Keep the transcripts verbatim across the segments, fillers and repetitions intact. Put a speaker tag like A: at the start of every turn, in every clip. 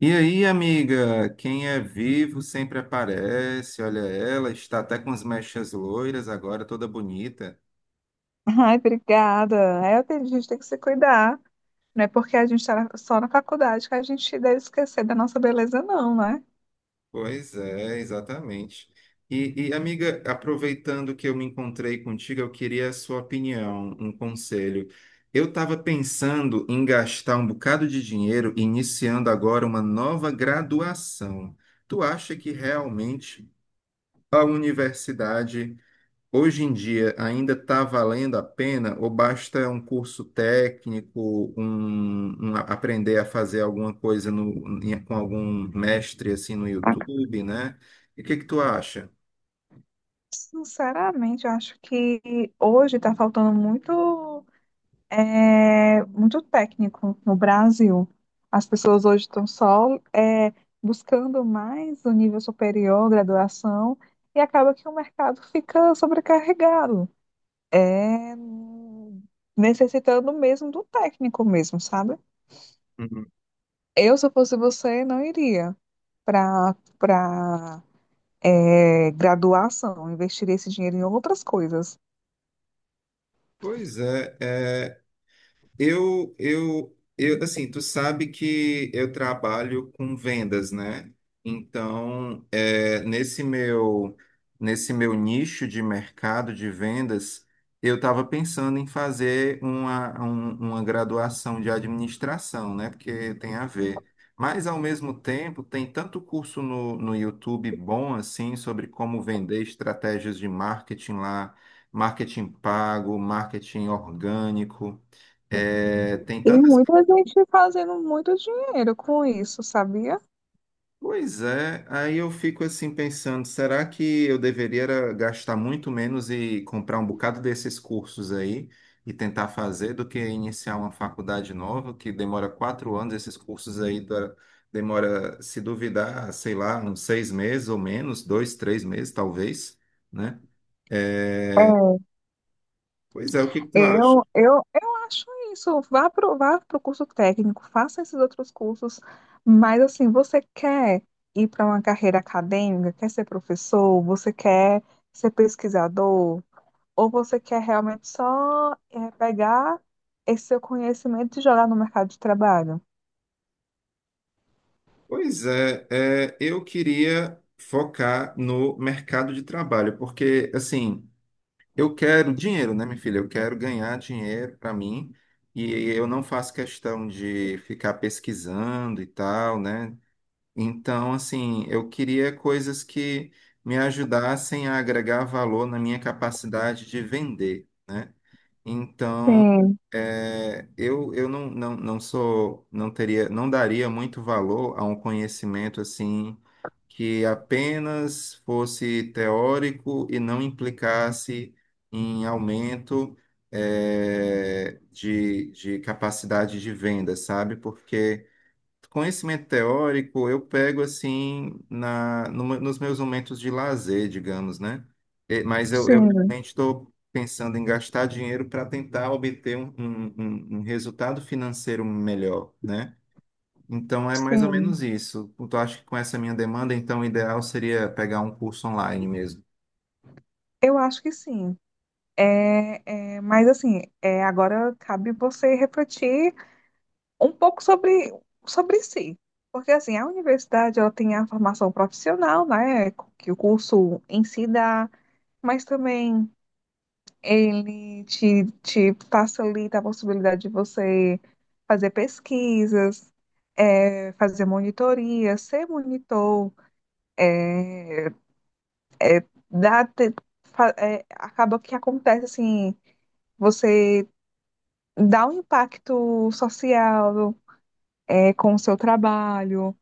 A: E aí, amiga, quem é vivo sempre aparece. Olha ela, está até com as mechas loiras agora, toda bonita.
B: Ai, obrigada. É, tem- a gente tem que se cuidar. Não é porque a gente está só na faculdade que a gente deve esquecer da nossa beleza, não, né?
A: Pois é, exatamente. E, e, amiga, aproveitando que eu me encontrei contigo, eu queria a sua opinião, um conselho. Eu estava pensando em gastar um bocado de dinheiro, iniciando agora uma nova graduação. Tu acha que realmente a universidade hoje em dia ainda está valendo a pena ou basta um curso técnico, um, um a- aprender a fazer alguma coisa no- em- com algum mestre assim no YouTube, né? E o que que tu acha?
B: Sinceramente, eu acho que hoje está faltando muito, é, muito técnico no Brasil. As pessoas hoje estão só, é, buscando mais o nível superior, graduação, e acaba que o mercado fica sobrecarregado. É, necessitando mesmo do técnico mesmo, sabe?
A: Uhum.
B: Eu, se eu fosse você, não iria para para graduação, investiria esse dinheiro em outras coisas.
A: Pois é, Eu, eu, eu, assim, tu sabe que eu trabalho com vendas, né? Então, é, nesse meu, nesse meu nicho de mercado de vendas, eu estava pensando em fazer uma, um- uma graduação de administração, né? Porque tem a ver. Mas, ao mesmo tempo, tem tanto curso no, no YouTube bom, assim, sobre como vender estratégias de marketing lá, marketing pago, marketing orgânico. É, tem
B: E
A: tantas.
B: muita gente fazendo muito dinheiro com isso, sabia?
A: Pois é, aí eu fico assim pensando, será que eu deveria era gastar muito menos e comprar um bocado desses cursos aí e tentar fazer do que iniciar uma faculdade nova que demora quatro anos, esses cursos aí da- demora, se duvidar, sei lá, uns seis meses ou menos, dois, três meses talvez, né? É,
B: É.
A: pois é, o que que tu acha?
B: Eu, eu, eu acho isso. Vá para vá pro curso técnico, faça esses outros cursos, mas assim, você quer ir para uma carreira acadêmica, quer ser professor, você quer ser pesquisador, ou você quer realmente só eh, pegar esse seu conhecimento e jogar no mercado de trabalho?
A: Pois é, é, eu queria focar no mercado de trabalho, porque assim. Eu quero dinheiro, né, minha filha? Eu quero ganhar dinheiro para mim e eu não faço questão de ficar pesquisando e tal, né? Então, assim, eu queria coisas que me ajudassem a agregar valor na minha capacidade de vender, né? Então,
B: Sim,
A: é, eu, eu não, não, não sou, não teria, não daria muito valor a um conhecimento assim que apenas fosse teórico e não implicasse em aumento, é, de, de capacidade de venda, sabe? Porque conhecimento teórico eu pego assim na, numa- nos meus momentos de lazer, digamos, né? Eh, Mas eu, eu
B: sim,
A: realmente estou pensando em gastar dinheiro para tentar obter um, um- um- um resultado financeiro melhor, né? Então é mais ou
B: sim.
A: menos isso. Eu acho que com essa minha demanda, então o ideal seria pegar um curso online mesmo.
B: Eu acho que sim. É, é, mas assim, é, agora cabe você refletir um pouco sobre, sobre si. Porque assim, a universidade, ela tem a formação profissional, né, que o curso em si dá, mas também ele te, te facilita a possibilidade de você fazer pesquisas, eh, fazer monitoria, ser monitor, é, dá, te- fa- eh, acaba que acontece assim, você dá um impacto social, eh, com o seu trabalho,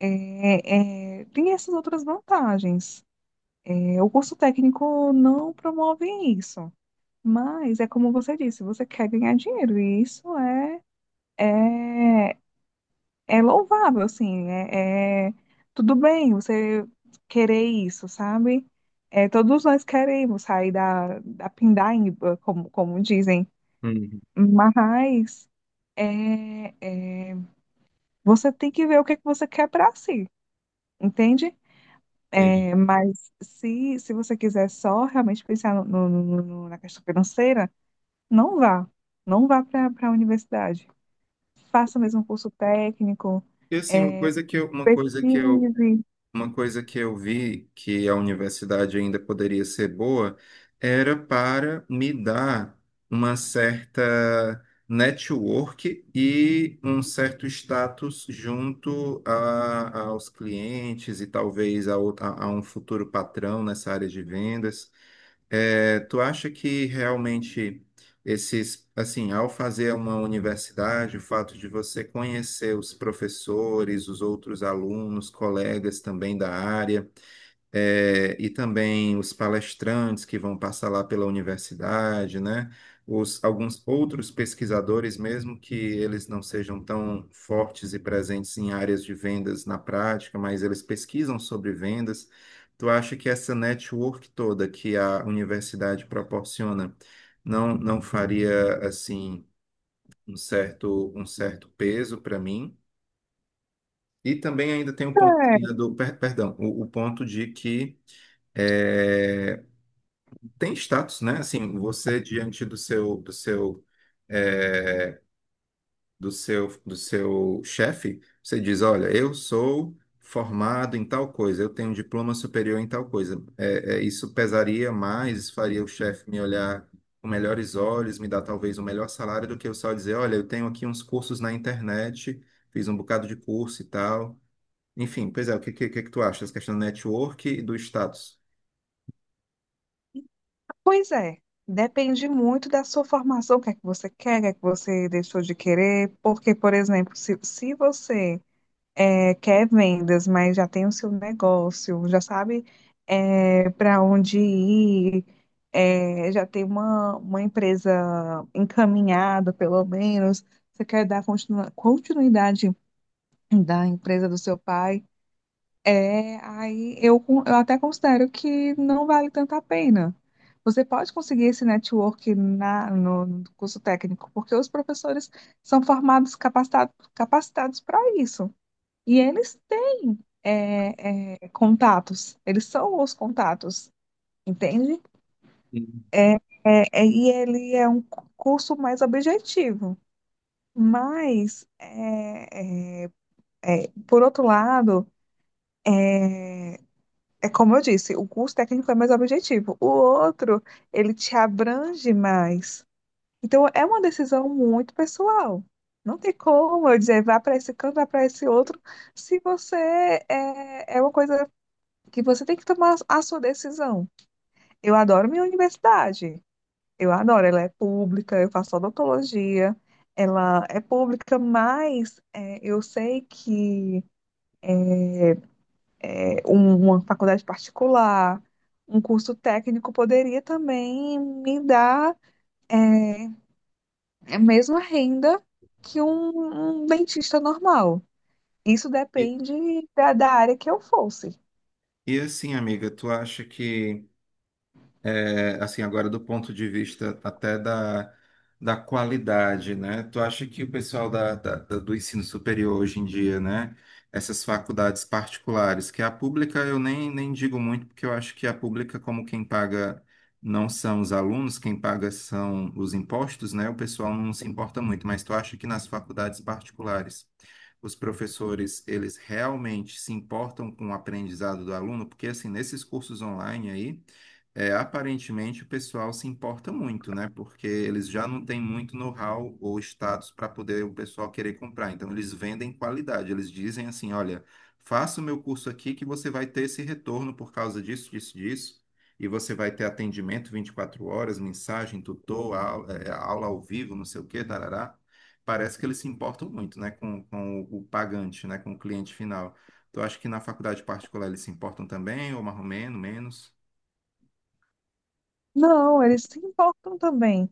B: eh, eh, tem essas outras vantagens. Eh, o curso técnico não promove isso, mas é como você disse, você quer ganhar dinheiro, e isso é. É, é louvável, assim, é, é- tudo bem você querer isso, sabe? É, todos nós queremos sair da, da pindaíba, como, como dizem,
A: Uhum.
B: mas é, você tem que ver o que é que você quer para si, entende?
A: Entendi.
B: É, mas se, se você quiser só realmente pensar no, no- no- no- na questão financeira, não vá, não vá para a universidade. Faça mesmo um curso técnico,
A: E assim, uma coisa que eu, uma coisa que eu
B: pesquise,
A: uma coisa que eu vi que a universidade ainda poderia ser boa era para me dar uma certa network e um certo status junto a, aos clientes e talvez a, outra- a um futuro patrão nessa área de vendas. É, tu acha que realmente esses, assim, ao fazer uma universidade, o fato de você conhecer os professores, os outros alunos, colegas também da área, é, e também os palestrantes que vão passar lá pela universidade, né? Os, alguns outros pesquisadores, mesmo que eles não sejam tão fortes e presentes em áreas de vendas na prática, mas eles pesquisam sobre vendas. Tu acha que essa network toda que a universidade proporciona não, não faria assim um certo, um certo peso para mim? E também ainda tem o ponto ainda
B: é.
A: do, per- perdão, o o ponto de que eh, tem status, né? Assim, você diante do seu do seu eh, do seu do seu chefe, você diz, olha, eu sou formado em tal coisa, eu tenho um diploma superior em tal coisa. É, é, isso pesaria mais, faria o chefe me olhar com melhores olhos, me dar talvez um melhor salário do que eu só dizer, olha, eu tenho aqui uns cursos na internet, fiz um bocado de curso e tal. Enfim, pois é, o que, que, que é que tu acha? Essa questão do network e do status.
B: Pois é, depende muito da sua formação, o que é que você quer, o que é que você deixou de querer, porque, por exemplo, se, se você eh, quer vendas, mas já tem o seu negócio, já sabe para onde ir, eh, já tem uma, uma empresa encaminhada, pelo menos, você quer dar continua- continuidade da empresa do seu pai, é, aí eu, con- eu até considero que não vale tanto a pena. Você pode conseguir esse network na, no, no curso técnico, porque os professores são formados, capacitados, capacitados para isso. E eles têm é, é, contatos, eles são os contatos, entende?
A: E,
B: É, é, e ele é um cu- curso mais objetivo. Mas, é, é, é, por outro lado. É como eu disse, o curso técnico é mais objetivo. O outro, ele te abrange mais. Então, é uma decisão muito pessoal. Não tem como eu dizer, vá para esse canto, vá para esse outro, se você é, é uma coisa que você tem que tomar a sua decisão. Eu adoro minha universidade. Eu adoro, ela é pública, eu faço odontologia, ela é pública, mas é, eu sei que um- uma faculdade particular, um curso técnico poderia também me dar é, a mesma renda que um, um dentista normal. Isso depende da, da área que eu fosse.
A: e assim, amiga, tu acha que é, assim, agora do ponto de vista até da, da qualidade, né? Tu acha que o pessoal da, da- da- do ensino superior hoje em dia, né? Essas faculdades particulares, que a pública eu nem, nem digo muito, porque eu acho que a pública, como quem paga não são os alunos, quem paga são os impostos, né? O pessoal não se importa muito, mas tu acha que nas faculdades particulares os professores, eles realmente se importam com o aprendizado do aluno? Porque, assim, nesses cursos online aí, é, aparentemente o pessoal se importa muito, né? Porque eles já não têm muito know-how ou status para poder o pessoal querer comprar. Então eles vendem qualidade. Eles dizem assim, olha, faça o meu curso aqui que você vai ter esse retorno por causa disso, disso, disso. E você vai ter atendimento vinte e quatro horas, mensagem, tutor, au- é, aula ao vivo, não sei o quê, tarará. Parece que eles se importam muito, né? Com, com o o pagante, né? Com o cliente final. Tu acha que na faculdade particular eles se importam também, ou mais ou menos, menos?
B: Não, eles se importam também.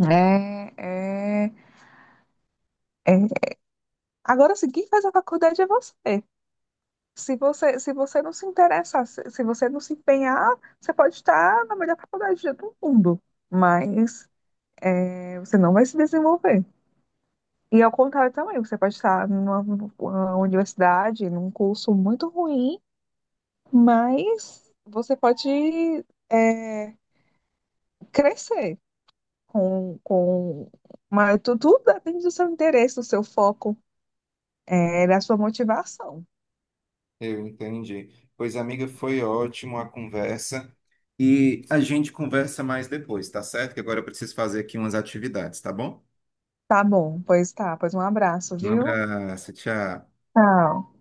B: É, é, é. Agora, sim, quem faz a faculdade é você. Se você, se você não se interessar, se, se você não se empenhar, você pode estar na melhor faculdade do mundo, mas é, você não vai se desenvolver. E ao contrário também, você pode estar numa uma universidade, num curso muito ruim, mas você pode é, crescer com, com mas tu- tudo depende do seu interesse, do seu foco, é, da sua motivação.
A: Eu entendi. Pois, amiga, foi ótimo a conversa. E a gente conversa mais depois, tá certo? Que agora eu preciso fazer aqui umas atividades, tá bom?
B: Tá bom, pois tá, pois um abraço,
A: Um
B: viu?
A: abraço, tchau.
B: Tchau.